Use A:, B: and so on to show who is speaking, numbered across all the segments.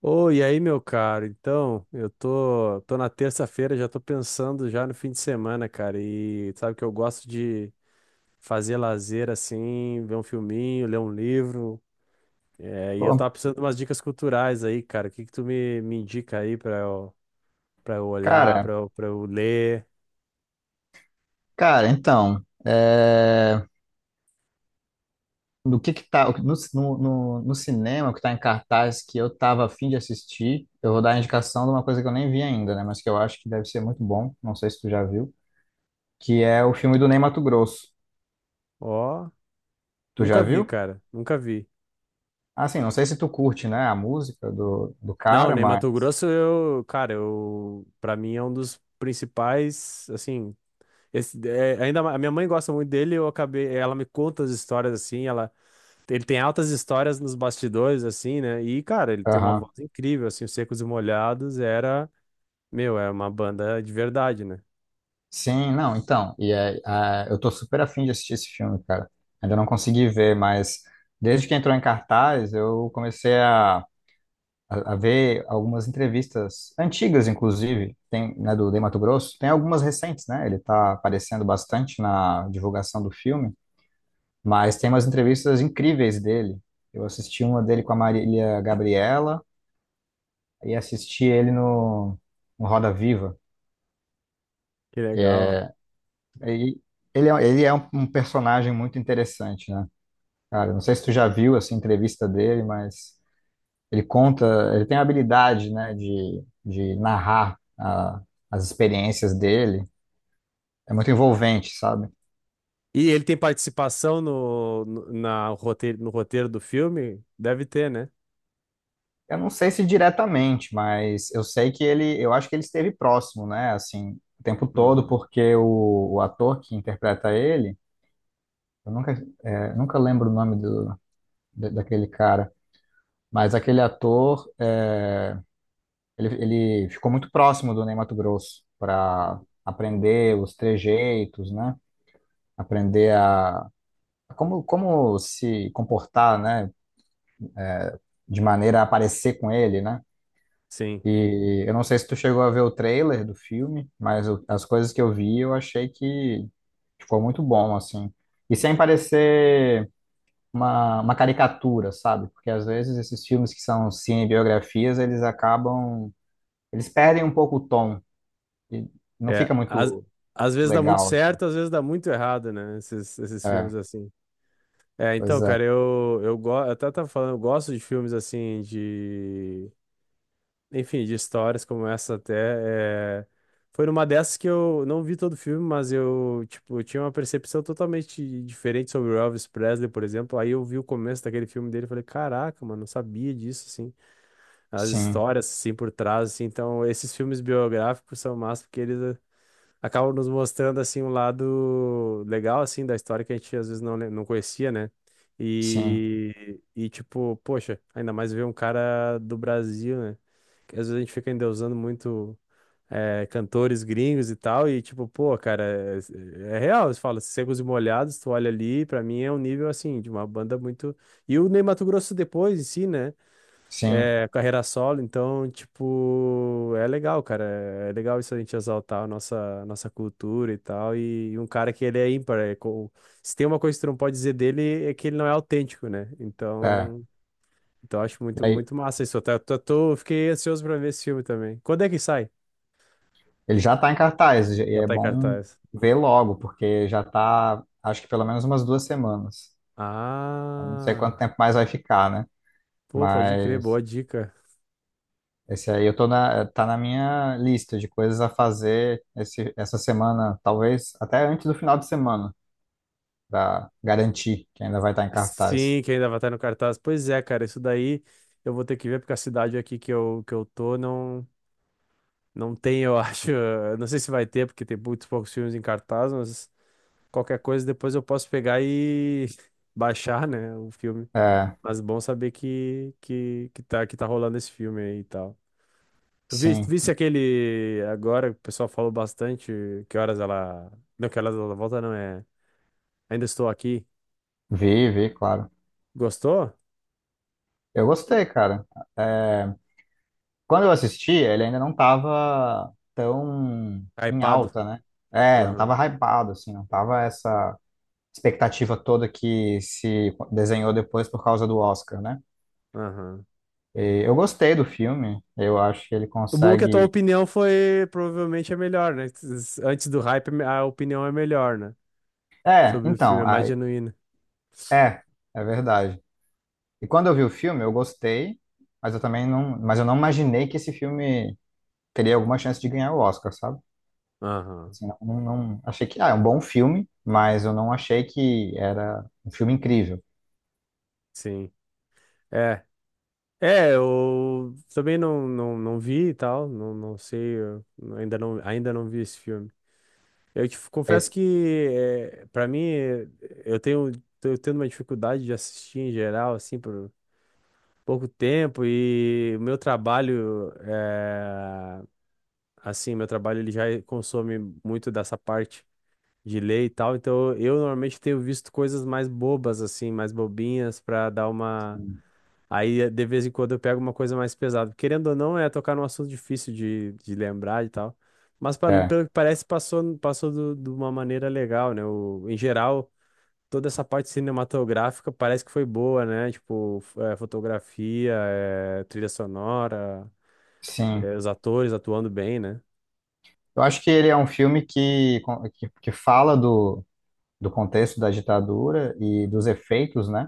A: Oi, e aí, meu caro? Então, eu tô na terça-feira, já tô pensando já no fim de semana, cara. E sabe que eu gosto de fazer lazer assim, ver um filminho, ler um livro. É, e eu
B: Pô,
A: tava precisando de umas dicas culturais aí, cara. O que que tu me indica aí pra eu olhar,
B: Cara,
A: pra eu ler?
B: cara, então, no que tá, no cinema que tá em cartaz que eu tava a fim de assistir, eu vou dar a indicação de uma coisa que eu nem vi ainda, né, mas que eu acho que deve ser muito bom, não sei se tu já viu, que é o filme do Ney Matogrosso.
A: Ó,
B: Tu
A: nunca
B: já
A: vi,
B: viu?
A: cara. Nunca vi.
B: Assim, não sei se tu curte, né, a música do
A: Não,
B: cara,
A: nem
B: mas...
A: Mato Grosso, pra mim é um dos principais, assim. Esse, é, ainda ma- A minha mãe gosta muito dele, eu acabei, ela me conta as histórias assim, ela ele tem altas histórias nos bastidores assim, né? E cara, ele tem uma
B: Aham.
A: voz incrível assim, os Secos e Molhados era, meu, é uma banda de verdade, né?
B: Sim, não, então, eu tô super afim de assistir esse filme, cara. Ainda não consegui ver, mas desde que entrou em cartaz, eu comecei a ver algumas entrevistas antigas, inclusive, tem, né, do Ney Matogrosso, tem algumas recentes, né? Ele está aparecendo bastante na divulgação do filme, mas tem umas entrevistas incríveis dele. Eu assisti uma dele com a Marília Gabriela e assisti ele no Roda Viva.
A: Que legal.
B: É, E ele é um personagem muito interessante, né? Cara, não sei se tu já viu essa entrevista dele, mas ele tem a habilidade, né, de narrar as experiências dele. É muito envolvente, sabe?
A: E ele tem participação no roteiro do filme? Deve ter, né?
B: Eu não sei se diretamente, mas eu sei que eu acho que ele esteve próximo, né, assim, o tempo todo,
A: Uhum.
B: porque o ator que interpreta ele, eu nunca, é, nunca lembro o nome daquele cara, mas aquele ator, ele, ele ficou muito próximo do Ney Matogrosso para aprender os trejeitos, né? aprender a, como se comportar, né? De maneira a aparecer com ele, né?
A: Sim.
B: E eu não sei se tu chegou a ver o trailer do filme, mas as coisas que eu vi, eu achei que ficou muito bom, assim. E sem parecer uma caricatura, sabe? Porque às vezes esses filmes que são cinebiografias, eles acabam. Eles perdem um pouco o tom e não
A: É,
B: fica
A: às,
B: muito
A: Às vezes dá muito
B: legal, assim.
A: certo, às vezes dá muito errado, né? Esses
B: É,
A: filmes assim. É,
B: pois
A: então,
B: é.
A: cara, eu até tava falando, eu gosto de filmes assim, de. Enfim, de histórias como essa até. É, foi numa dessas que eu não vi todo o filme, mas eu, tipo, tinha uma percepção totalmente diferente sobre o Elvis Presley, por exemplo. Aí eu vi o começo daquele filme dele e falei, caraca, mano, não sabia disso, assim. As
B: Sim,
A: histórias, assim, por trás, assim. Então, esses filmes biográficos são massa porque eles acabam nos mostrando assim um lado legal assim da história que a gente às vezes não conhecia, né?
B: sim,
A: E tipo, poxa, ainda mais ver um cara do Brasil, né? Que às vezes a gente fica endeusando muito cantores gringos e tal, e tipo, pô, cara, é real, você fala, Secos e Molhados, tu olha ali, pra mim é um nível assim, de uma banda muito. E o Ney Matogrosso depois em si, né?
B: sim.
A: É, carreira solo, então, tipo, é legal, cara. É legal isso a gente exaltar a nossa cultura e tal. E, um cara que ele é ímpar. Se tem uma coisa que tu não pode dizer dele é que ele não é autêntico, né? Então eu acho muito,
B: É.
A: muito massa isso. Eu tô, tô- tô- Fiquei ansioso pra ver esse filme também. Quando é que sai?
B: Ele já está em cartaz e
A: Já
B: é
A: tá em
B: bom
A: cartaz.
B: ver logo, porque já está, acho que pelo menos umas duas semanas. Eu não sei quanto
A: Ah,
B: tempo mais vai ficar, né?
A: pô, pode crer,
B: Mas
A: boa dica.
B: esse aí tá na minha lista de coisas a fazer essa semana, talvez até antes do final de semana, para garantir que ainda vai estar em cartaz.
A: Sim, que ainda vai estar no cartaz. Pois é, cara, isso daí eu vou ter que ver porque a cidade aqui que eu tô não. Não tem, eu acho. Não sei se vai ter, porque tem muitos poucos filmes em cartaz, mas qualquer coisa depois eu posso pegar e baixar, né, o filme.
B: É,
A: Mas bom saber que tá rolando esse filme aí e tal. Tu viste,
B: sim,
A: viste aquele agora, o pessoal falou bastante, que horas ela. Não, que horas ela volta, não é. Ainda estou aqui.
B: vi, vi, claro.
A: Gostou?
B: Eu gostei, cara. É, quando eu assisti, ele ainda não tava tão em
A: Hypado.
B: alta, né? É, não
A: Aham,
B: tava hypado, assim, não tava essa expectativa toda que se desenhou depois por causa do Oscar, né?
A: aham.
B: E eu gostei do filme, eu acho que ele
A: O bom é que a tua
B: consegue.
A: opinião foi provavelmente a melhor, né? Antes do hype, a opinião é melhor, né?
B: É,
A: Sobre o filme,
B: então,
A: é mais genuína.
B: é, é verdade. E quando eu vi o filme, eu gostei, mas eu também não, mas eu não imaginei que esse filme teria alguma chance de ganhar o Oscar, sabe?
A: Aham,
B: Assim, não, não, não-, achei que é um bom filme, mas eu não achei que era um filme incrível.
A: sim. É. É, eu também não vi e tal, não sei, eu ainda não vi esse filme. Eu te confesso
B: Esse-
A: que, é, para mim, é, eu tenho, tô tendo uma dificuldade de assistir em geral, assim, por pouco tempo, e o meu trabalho, é, assim, meu trabalho ele já consome muito dessa parte de ler e tal, então eu normalmente tenho visto coisas mais bobas, assim, mais bobinhas, pra dar uma. Aí, de vez em quando, eu pego uma coisa mais pesada. Querendo ou não, é tocar num assunto difícil de lembrar e tal. Mas,
B: É,
A: pelo que parece, passou de uma maneira legal, né? O, em geral, toda essa parte cinematográfica parece que foi boa, né? Tipo, fotografia, é, trilha sonora,
B: sim.
A: é, os atores atuando bem, né?
B: Eu acho que ele é um filme que fala do contexto da ditadura e dos efeitos, né,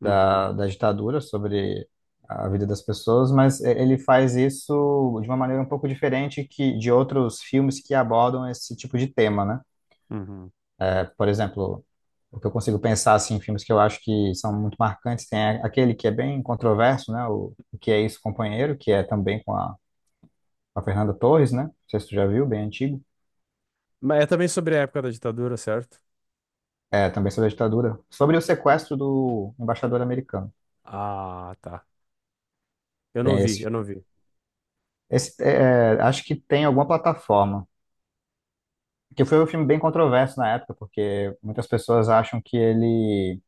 A: Uhum,
B: da ditadura sobre a vida das pessoas, mas ele faz isso de uma maneira um pouco diferente que de outros filmes que abordam esse tipo de tema, né?
A: uhum.
B: É, por exemplo, o que eu consigo pensar assim, em filmes que eu acho que são muito marcantes, tem aquele que é bem controverso, né, O Que É Isso, Companheiro, que é também com a Fernanda Torres, né? Não sei se tu já viu, bem antigo.
A: Mas é também sobre a época da ditadura, certo?
B: É, também sobre a ditadura. Sobre o sequestro do embaixador americano.
A: Ah, tá.
B: Tem esse.
A: Eu não vi.
B: Esse, acho que tem alguma plataforma. Que foi um filme bem controverso na época, porque muitas pessoas acham que ele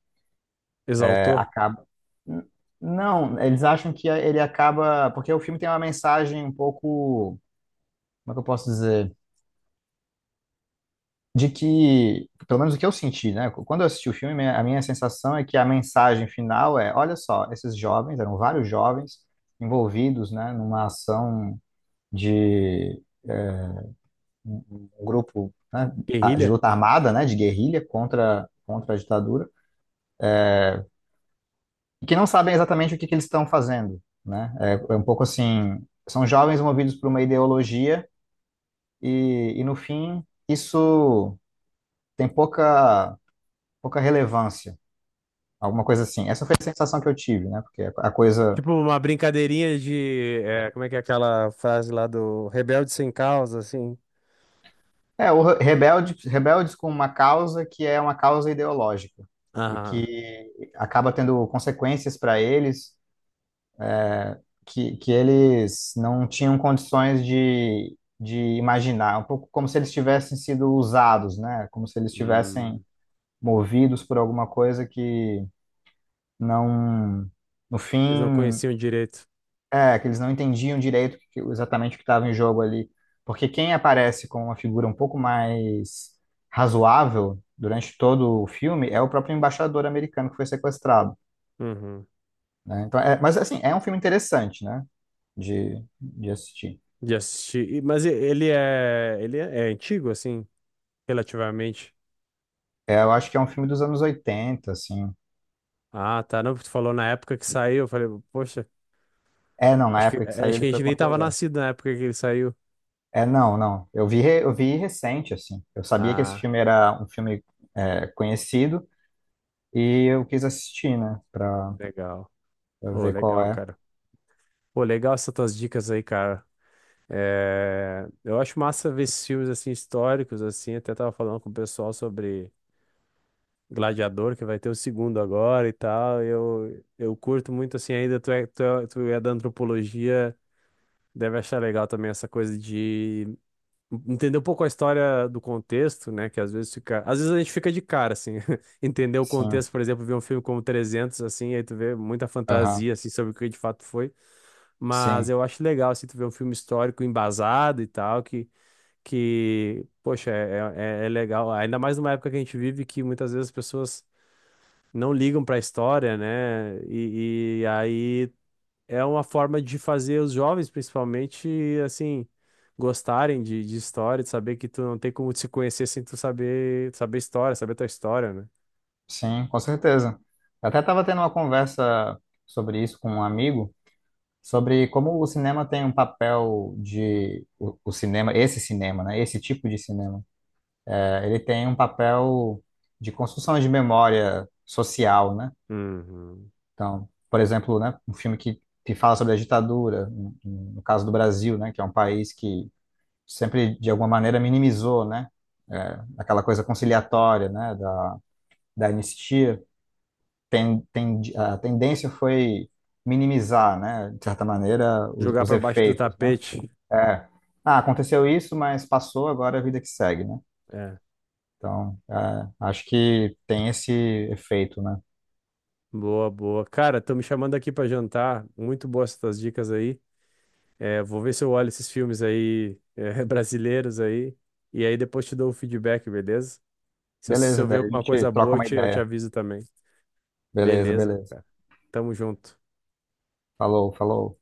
A: Exaltou?
B: acaba. N- Não, eles acham que ele acaba. Porque o filme tem uma mensagem um pouco. Como é que eu posso dizer? De que, pelo menos o que eu senti, né? Quando eu assisti o filme, a minha sensação é que a mensagem final é, olha só, esses jovens, eram vários jovens envolvidos, né, numa ação de eh, um um grupo, né, de
A: Guerrilha?
B: luta armada, né, de guerrilha contra a ditadura, e que não sabem exatamente o que que eles estão fazendo, né? É, é um pouco assim, são jovens movidos por uma ideologia e no fim isso tem pouca relevância. Alguma coisa assim. Essa foi a sensação que eu tive, né? Porque a coisa.
A: Tipo, uma brincadeirinha de. É, como é que é aquela frase lá do rebelde sem causa, assim?
B: É, o rebeldes com uma causa que é uma causa ideológica e
A: Aham.
B: que acaba tendo consequências para eles que eles não tinham condições de imaginar. É um pouco como se eles tivessem sido usados, né? Como se eles tivessem
A: Hum,
B: movidos por alguma coisa que não, no
A: eles não
B: fim,
A: conheciam direito.
B: é, que eles não entendiam direito exatamente o que estava em jogo ali. Porque quem aparece com uma figura um pouco mais razoável durante todo o filme é o próprio embaixador americano que foi sequestrado,
A: Uhum.
B: né? Então, mas assim, é um filme interessante, né? De assistir.
A: De assistir. Ele é, é antigo, assim, relativamente.
B: É, eu acho que é um filme dos anos 80 assim.
A: Ah, tá. Não, tu falou na época que saiu. Eu falei, poxa,
B: É, não, na
A: acho que,
B: época que
A: é,
B: saiu
A: acho que
B: ele
A: a
B: foi
A: gente nem tava
B: controverso.
A: nascido na época que ele saiu.
B: É, não, não. Eu vi recente, assim. Eu sabia que esse
A: Ah,
B: filme era um filme conhecido e eu quis assistir, né? Pra,
A: legal.
B: pra
A: Ô,
B: ver qual
A: legal,
B: é.
A: cara. Pô, legal essas tuas dicas aí, cara. É, eu acho massa ver esses filmes assim históricos assim, até tava falando com o pessoal sobre Gladiador, que vai ter o segundo agora e tal. Eu curto muito assim ainda tu é da antropologia, deve achar legal também essa coisa de entender um pouco a história do contexto, né, que às vezes a gente fica de cara assim, entender o
B: Sim,
A: contexto, por exemplo, ver um filme como 300 assim, aí tu vê muita
B: aham,
A: fantasia assim sobre o que de fato foi. Mas
B: sim,
A: eu acho legal assim, tu ver um filme histórico embasado e tal, poxa, é legal, ainda mais numa época que a gente vive que muitas vezes as pessoas não ligam para a história, né? E aí é uma forma de fazer os jovens, principalmente, assim, gostarem de história, de saber que tu não tem como te conhecer sem tu saber, saber história, saber tua história, né?
B: sim, com certeza. Eu até estava tendo uma conversa sobre isso com um amigo, sobre como o cinema tem um papel de. O cinema, esse cinema, né? Esse tipo de cinema. Ele tem um papel de construção de memória social, né?
A: Uhum.
B: Então, por exemplo, né, um filme que fala sobre a ditadura, no caso do Brasil, né? Que é um país que sempre, de alguma maneira, minimizou, né? Aquela coisa conciliatória, né? Da anistia. A tendência foi minimizar, né, de certa maneira, os,
A: Jogar
B: os
A: para baixo do
B: efeitos, né?
A: tapete.
B: É, aconteceu isso, mas passou, agora é a vida que segue, né?
A: É.
B: Então, acho que tem esse efeito, né?
A: Boa, boa. Cara, estão me chamando aqui para jantar. Muito boas essas dicas aí. É, vou ver se eu olho esses filmes aí, é, brasileiros aí, e aí depois te dou o feedback, beleza? Se
B: Beleza,
A: eu ver
B: daí a
A: alguma
B: gente
A: coisa
B: troca
A: boa,
B: uma
A: eu te
B: ideia.
A: aviso também.
B: Beleza,
A: Beleza,
B: beleza.
A: cara. Tamo junto.
B: Falou, falou.